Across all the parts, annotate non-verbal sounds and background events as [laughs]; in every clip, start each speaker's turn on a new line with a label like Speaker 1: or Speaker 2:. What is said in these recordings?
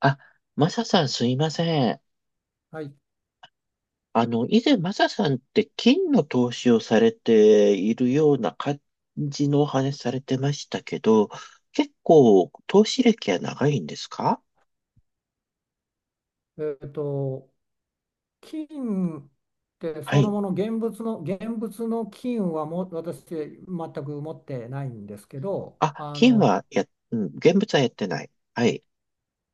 Speaker 1: あ、マサさんすいません。
Speaker 2: はい、
Speaker 1: 以前マサさんって金の投資をされているような感じのお話されてましたけど、結構投資歴は長いんですか？
Speaker 2: えーと、金って
Speaker 1: は
Speaker 2: その
Speaker 1: い。
Speaker 2: もの現物の、現物の金はもう私全く持ってないんですけど、
Speaker 1: あ、金はうん、現物はやってない。はい。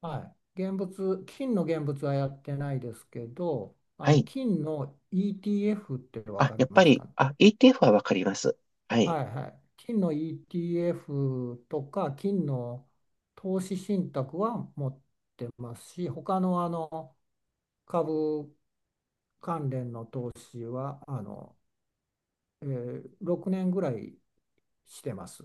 Speaker 2: はい、現物、金の現物はやってないですけど、
Speaker 1: はい。
Speaker 2: 金の ETF ってわ
Speaker 1: あ、
Speaker 2: か
Speaker 1: や
Speaker 2: り
Speaker 1: っぱ
Speaker 2: ます
Speaker 1: り、
Speaker 2: かね。
Speaker 1: あ、ETF はわかります。はい。
Speaker 2: はいはい。金の ETF とか金の投資信託は持ってますし、他の株関連の投資は6年ぐらいしてます。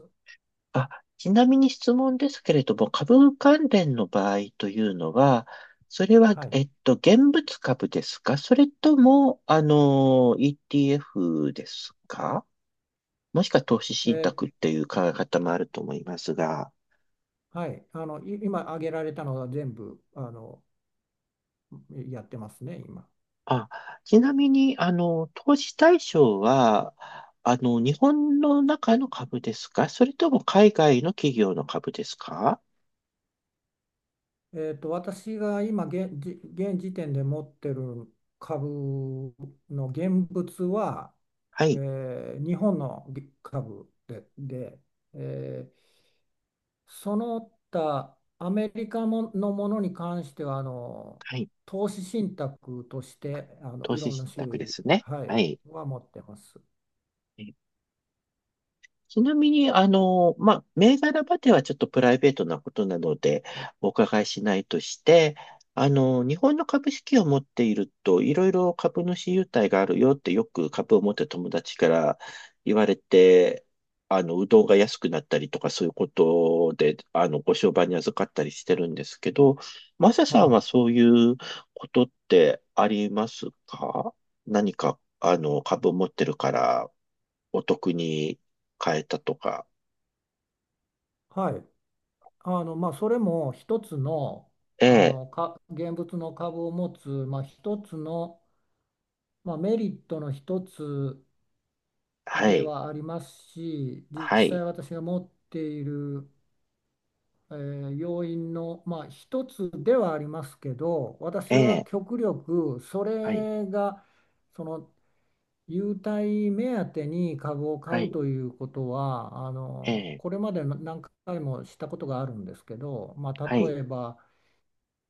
Speaker 1: あ、ちなみに質問ですけれども、株関連の場合というのは、それは、
Speaker 2: はい。
Speaker 1: 現物株ですかそれとも、ETF ですか？もしくは投資
Speaker 2: え
Speaker 1: 信
Speaker 2: ー
Speaker 1: 託っていう考え方もあると思いますが。
Speaker 2: はい。今挙げられたのは全部やってますね、今。
Speaker 1: あ、ちなみに、投資対象は、日本の中の株ですかそれとも海外の企業の株ですか？
Speaker 2: 私が今現、じ現時点で持ってる株の現物は、
Speaker 1: は
Speaker 2: え
Speaker 1: い、
Speaker 2: ー日本の株で、で、えーその他アメリカものに関しては
Speaker 1: はい、
Speaker 2: 投資信託として
Speaker 1: 投
Speaker 2: い
Speaker 1: 資
Speaker 2: ろんな
Speaker 1: 信
Speaker 2: 種
Speaker 1: 託で
Speaker 2: 類、
Speaker 1: すね。
Speaker 2: は
Speaker 1: は
Speaker 2: い、
Speaker 1: い。
Speaker 2: は持ってます。
Speaker 1: ちなみに、まあ、銘柄まではちょっとプライベートなことなので、お伺いしないとして、日本の株式を持っていると、いろいろ株主優待があるよってよく株を持ってる友達から言われて、うどんが安くなったりとかそういうことで、ご商売に預かったりしてるんですけど、マサさんは
Speaker 2: お、
Speaker 1: そういうことってありますか？何か、株を持ってるからお得に変えたとか。
Speaker 2: はい、まあ、それも一つの、
Speaker 1: え
Speaker 2: あ
Speaker 1: え、
Speaker 2: のか現物の株を持つ、まあ、一つの、まあ、メリットの一つ
Speaker 1: は
Speaker 2: で
Speaker 1: い、
Speaker 2: はありますし、実
Speaker 1: はい、
Speaker 2: 際私が持っている要因の、まあ、一つではありますけど、
Speaker 1: え
Speaker 2: 私は
Speaker 1: え、
Speaker 2: 極力そ
Speaker 1: はい、
Speaker 2: れがその優待目当てに株を買
Speaker 1: は
Speaker 2: う
Speaker 1: い、
Speaker 2: ということは
Speaker 1: ええ、
Speaker 2: これまで何回もしたことがあるんですけど、ま
Speaker 1: は
Speaker 2: あ、
Speaker 1: い。
Speaker 2: 例えば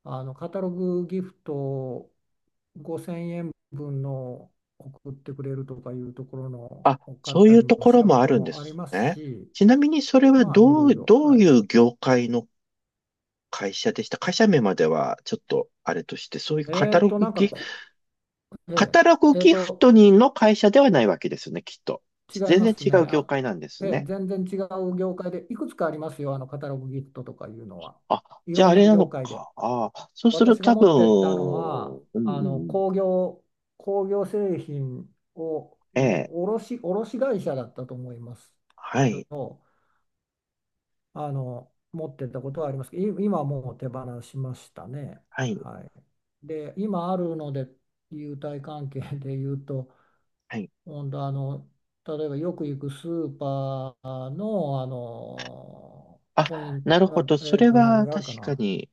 Speaker 2: カタログギフト5000円分の送ってくれるとかいうところの
Speaker 1: あ、
Speaker 2: を買
Speaker 1: そ
Speaker 2: っ
Speaker 1: う
Speaker 2: た
Speaker 1: い
Speaker 2: り
Speaker 1: うと
Speaker 2: も
Speaker 1: こ
Speaker 2: し
Speaker 1: ろ
Speaker 2: たこ
Speaker 1: もあ
Speaker 2: と
Speaker 1: るんで
Speaker 2: もあり
Speaker 1: す
Speaker 2: ます
Speaker 1: ね。
Speaker 2: し、
Speaker 1: ちなみにそれは
Speaker 2: まあいろいろ
Speaker 1: どう
Speaker 2: は
Speaker 1: い
Speaker 2: い。
Speaker 1: う業界の会社でした？会社名まではちょっとあれとして、そういう
Speaker 2: えーっと、なんかこえ
Speaker 1: カタ
Speaker 2: え、
Speaker 1: ログ
Speaker 2: えー
Speaker 1: ギフ
Speaker 2: と、
Speaker 1: トにの会社ではないわけですよね、きっと。
Speaker 2: 違い
Speaker 1: 全
Speaker 2: ま
Speaker 1: 然
Speaker 2: す
Speaker 1: 違
Speaker 2: ね。
Speaker 1: う業
Speaker 2: あ、
Speaker 1: 界なんです
Speaker 2: ええ、
Speaker 1: ね。
Speaker 2: 全然違う業界で、いくつかありますよ、カタログギフトとかいうのは。
Speaker 1: あ、
Speaker 2: い
Speaker 1: じゃ
Speaker 2: ろ
Speaker 1: ああ
Speaker 2: んな
Speaker 1: れなの
Speaker 2: 業界で。
Speaker 1: か。ああ、そうする
Speaker 2: 私が
Speaker 1: と多
Speaker 2: 持ってったのは、
Speaker 1: 分、うん、うんう
Speaker 2: 工
Speaker 1: ん、
Speaker 2: 業、工業製品を
Speaker 1: え
Speaker 2: の
Speaker 1: え、
Speaker 2: 卸、卸会社だったと思います
Speaker 1: は
Speaker 2: けど、
Speaker 1: い。
Speaker 2: 持ってったことはありますけど、今はもう手放しましたね。
Speaker 1: はい。
Speaker 2: はい、で、今あるので、優待関係で言うと、
Speaker 1: はい。
Speaker 2: ほんと例えばよく行くスーパーの、あのポイ
Speaker 1: あ、
Speaker 2: ン
Speaker 1: なる
Speaker 2: ト、
Speaker 1: ほど。それ
Speaker 2: 何
Speaker 1: は
Speaker 2: があ
Speaker 1: 確
Speaker 2: るか
Speaker 1: か
Speaker 2: な、
Speaker 1: に、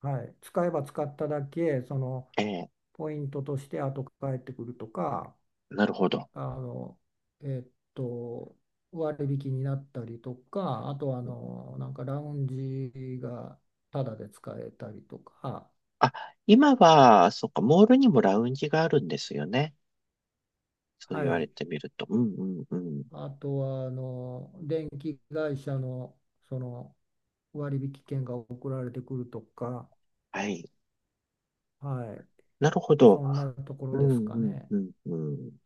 Speaker 2: はい、使えば使っただけその、
Speaker 1: えー
Speaker 2: ポイントとして後返ってくるとか、
Speaker 1: なるほど。
Speaker 2: あの、えーと、割引になったりとか、あとはなんかラウンジがタダで使えたりとか、
Speaker 1: あ、今は、そっか、モールにもラウンジがあるんですよね。そう
Speaker 2: は
Speaker 1: 言われ
Speaker 2: い、
Speaker 1: てみると。うんうんうん。
Speaker 2: あとは電気会社の、その割引券が送られてくるとか、
Speaker 1: はい。
Speaker 2: はい、
Speaker 1: なるほど。
Speaker 2: そんなとこ
Speaker 1: う
Speaker 2: ろ
Speaker 1: ん
Speaker 2: ですか
Speaker 1: うん
Speaker 2: ね。
Speaker 1: うんうん。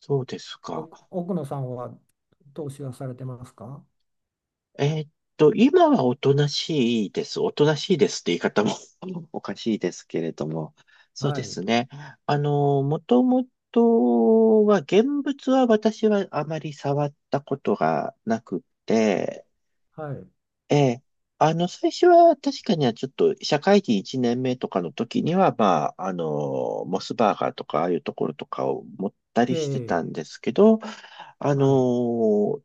Speaker 1: そうですか。
Speaker 2: 奥奥野さんは投資はされてますか？
Speaker 1: えーっ今はおとなしいです。おとなしいですって言い方も [laughs] おかしいですけれども。そう
Speaker 2: は
Speaker 1: で
Speaker 2: い、
Speaker 1: すね。もともとは、現物は私はあまり触ったことがなくて、
Speaker 2: はい、
Speaker 1: ええ、最初は確かにはちょっと社会人1年目とかの時には、まあ、モスバーガーとか、ああいうところとかを持った
Speaker 2: え
Speaker 1: りしてた
Speaker 2: え、
Speaker 1: んですけど、あ
Speaker 2: はい。
Speaker 1: の、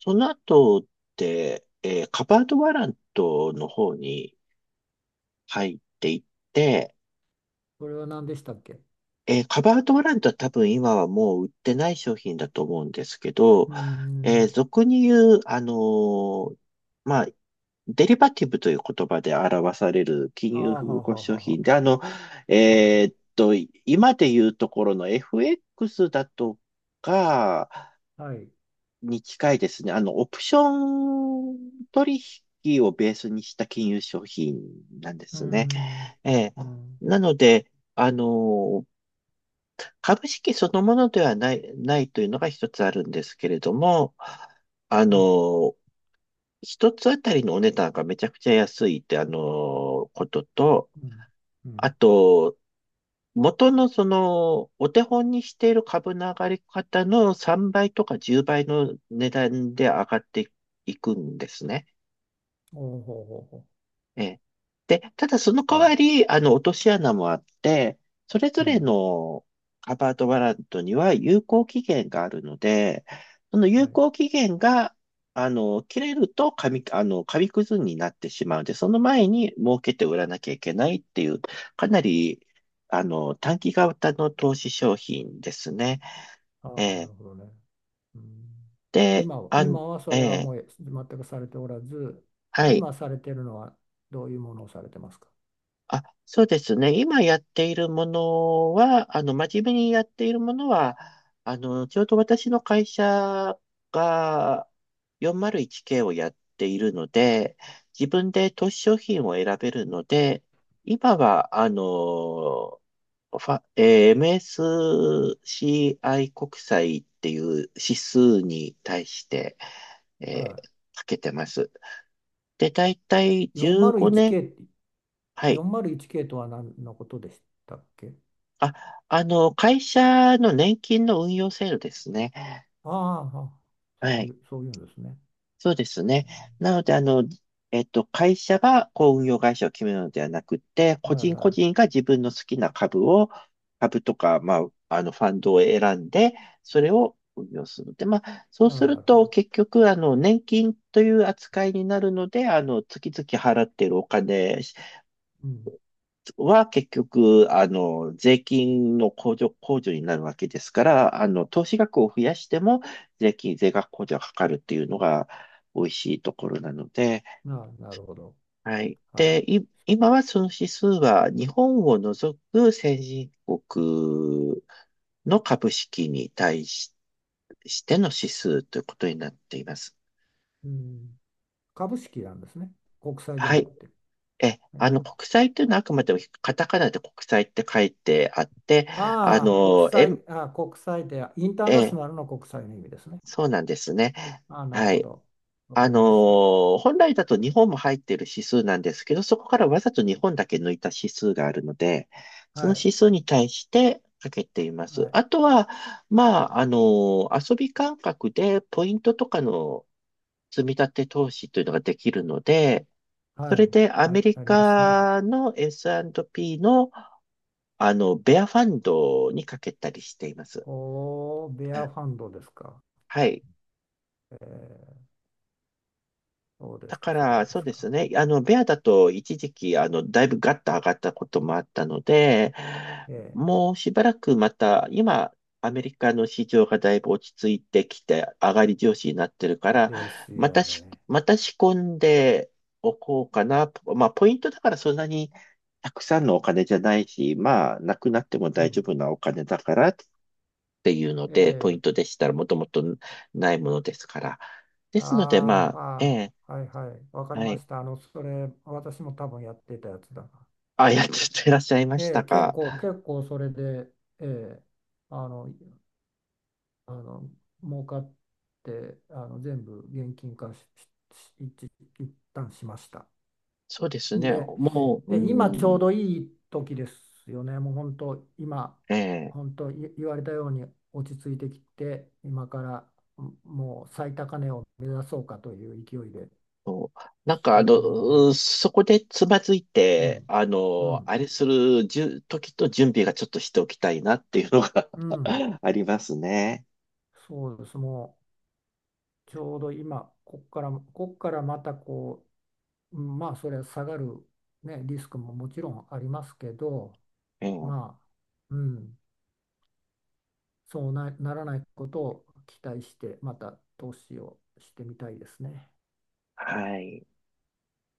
Speaker 1: その後って、カバードワラントの方に入っていって、
Speaker 2: これは何でしたっけ。う
Speaker 1: カバードワラントは多分今はもう売ってない商品だと思うんですけど、
Speaker 2: ーん、
Speaker 1: 俗に言う、まあ、デリバティブという言葉で表される金
Speaker 2: あー
Speaker 1: 融
Speaker 2: は
Speaker 1: 複
Speaker 2: は
Speaker 1: 合
Speaker 2: は
Speaker 1: 商
Speaker 2: は
Speaker 1: 品で、
Speaker 2: は、
Speaker 1: えーっと、今で言うところの FX だとか、
Speaker 2: あはい、う
Speaker 1: に近いですね。オプション取引をベースにした金融商品なんで
Speaker 2: ー
Speaker 1: すね。
Speaker 2: ん、
Speaker 1: ええ。
Speaker 2: うん、
Speaker 1: なので、株式そのものではないというのが一つあるんですけれども、あ
Speaker 2: はい、
Speaker 1: の、一つあたりのお値段がめちゃくちゃ安いって、ことと、
Speaker 2: うん、う
Speaker 1: あ
Speaker 2: ん、
Speaker 1: と、元のその、お手本にしている株の上がり方の3倍とか10倍の値段で上がっていくんですね。
Speaker 2: おーほうほうほ
Speaker 1: ええ。で、ただその
Speaker 2: う、
Speaker 1: 代
Speaker 2: は
Speaker 1: わ
Speaker 2: い、
Speaker 1: り、落とし穴もあって、それ
Speaker 2: う
Speaker 1: ぞれ
Speaker 2: ん、
Speaker 1: のカバードワラントには有効期限があるので、その
Speaker 2: は
Speaker 1: 有
Speaker 2: い、
Speaker 1: 効期限が、切れると紙、あの、紙くずになってしまうので、その前に儲けて売らなきゃいけないっていう、かなり、短期型の投資商品ですね。
Speaker 2: あ
Speaker 1: え
Speaker 2: あ、な
Speaker 1: え。
Speaker 2: るほどね。うん。
Speaker 1: で、
Speaker 2: 今は、今はそ
Speaker 1: え
Speaker 2: れは
Speaker 1: え、
Speaker 2: もう全くされておらず、
Speaker 1: はい。
Speaker 2: 今されてるのはどういうものをされてますか？
Speaker 1: あ、そうですね。今やっているものは、真面目にやっているものは、ちょうど私の会社が 401K をやっているので、自分で投資商品を選べるので、今は、あの、ファ、えー MSCI 国債っていう指数に対して、
Speaker 2: は
Speaker 1: かけてます。で、だいたい
Speaker 2: い、
Speaker 1: 15年、
Speaker 2: 401K、
Speaker 1: はい。
Speaker 2: 401K とは何のことでしたっけ。
Speaker 1: あ、会社の年金の運用制度ですね。
Speaker 2: ああ、は
Speaker 1: は
Speaker 2: そうい
Speaker 1: い。
Speaker 2: う、そういうんですね。
Speaker 1: そうですね。なので、会社がこう運用会社を決めるのではなくて、個
Speaker 2: はい
Speaker 1: 人
Speaker 2: は
Speaker 1: 個人
Speaker 2: い。
Speaker 1: が自分の好きな株とか、まあ、ファンドを選んで、それを運用するので、まあ、そう
Speaker 2: あ
Speaker 1: す
Speaker 2: あ、な
Speaker 1: る
Speaker 2: るほ
Speaker 1: と、
Speaker 2: ど。
Speaker 1: 結局、年金という扱いになるので、月々払っているお金
Speaker 2: うん。
Speaker 1: は結局、あの、税金の控除、控除になるわけですから、投資額を増やしても税額控除がかかるっていうのが美味しいところなので、
Speaker 2: ああ、なるほど。
Speaker 1: はい。
Speaker 2: はい。
Speaker 1: で、今はその指数は日本を除く先進国の株式にしての指数ということになっています。
Speaker 2: うん。株式なんですね。国債じゃ
Speaker 1: は
Speaker 2: なく
Speaker 1: い。
Speaker 2: て。
Speaker 1: え、
Speaker 2: う
Speaker 1: あの、
Speaker 2: ん、
Speaker 1: 国債というのはあくまでもカタカナで国債って書いてあって、あ
Speaker 2: ああ、国
Speaker 1: の、円
Speaker 2: 債、ああ、国債で、インターナシ
Speaker 1: え、
Speaker 2: ョナルの国債の意味ですね。
Speaker 1: そうなんですね。
Speaker 2: あ、なる
Speaker 1: は
Speaker 2: ほ
Speaker 1: い。
Speaker 2: ど。わかりました。
Speaker 1: 本来だと日本も入っている指数なんですけど、そこからわざと日本だけ抜いた指数があるので、そ
Speaker 2: は
Speaker 1: の
Speaker 2: い。
Speaker 1: 指数に対してかけていま
Speaker 2: は
Speaker 1: す。
Speaker 2: い。
Speaker 1: あとは、まあ、遊び感覚でポイントとかの積み立て投資というのができるので、
Speaker 2: は
Speaker 1: それ
Speaker 2: い。
Speaker 1: でア
Speaker 2: は
Speaker 1: メ
Speaker 2: い。
Speaker 1: リ
Speaker 2: ありますね。
Speaker 1: カの S&P の、ベアファンドにかけたりしています。
Speaker 2: おー、ベ
Speaker 1: あ、
Speaker 2: アファンドですか。
Speaker 1: はい。
Speaker 2: えー、そうで
Speaker 1: だ
Speaker 2: す
Speaker 1: か
Speaker 2: か、そう
Speaker 1: ら、
Speaker 2: で
Speaker 1: そう
Speaker 2: す
Speaker 1: です
Speaker 2: か。
Speaker 1: ね。ベアだと一時期、だいぶガッと上がったこともあったので、
Speaker 2: え
Speaker 1: もうしばらくまた、今、アメリカの市場がだいぶ落ち着いてきて、上がり調子になってるか
Speaker 2: ー、
Speaker 1: ら、
Speaker 2: です
Speaker 1: ま
Speaker 2: よ
Speaker 1: たし、
Speaker 2: ね。
Speaker 1: また仕込んでおこうかな。まあ、ポイントだからそんなにたくさんのお金じゃないし、まあ、なくなっても
Speaker 2: う
Speaker 1: 大丈
Speaker 2: ん。
Speaker 1: 夫なお金だからっていうので、ポイ
Speaker 2: え
Speaker 1: ントでしたらもともとないものですから。で
Speaker 2: ー、
Speaker 1: すので、ま
Speaker 2: ああ、
Speaker 1: あ、え
Speaker 2: は
Speaker 1: え、
Speaker 2: あ、はい、はい。わかり
Speaker 1: は
Speaker 2: ま
Speaker 1: い。
Speaker 2: した。あの、それ、私も多分やってたやつだな。
Speaker 1: あ、やっていらっしゃいまし
Speaker 2: え
Speaker 1: た
Speaker 2: ー、結
Speaker 1: か。
Speaker 2: 構、結構それで、えー、あの、あの、儲かって、あの、全部現金化し、し、し一、一旦しました。
Speaker 1: そうですね。
Speaker 2: で、
Speaker 1: もう、う
Speaker 2: 今ちょう
Speaker 1: ん、
Speaker 2: どいい時ですよね。もう本当、今、
Speaker 1: ええ
Speaker 2: 本当言われたように落ち着いてきて、今から、うん、もう最高値を目指そうかという勢いで
Speaker 1: と、なん
Speaker 2: 来
Speaker 1: か、
Speaker 2: てるの
Speaker 1: う
Speaker 2: で、
Speaker 1: ん、そこでつまずい
Speaker 2: う
Speaker 1: て、
Speaker 2: ん、うん、
Speaker 1: あれするじゅ時と準備がちょっとしておきたいなっていうのが
Speaker 2: うん、
Speaker 1: [laughs] ありますね。
Speaker 2: そうです。もうちょうど今、こっから、こっからまたうんまあ、それは下がる、ね、リスクももちろんありますけど、
Speaker 1: うん。
Speaker 2: まあ、うん。そうな、ならないことを期待して、また投資をしてみたいですね。
Speaker 1: はい。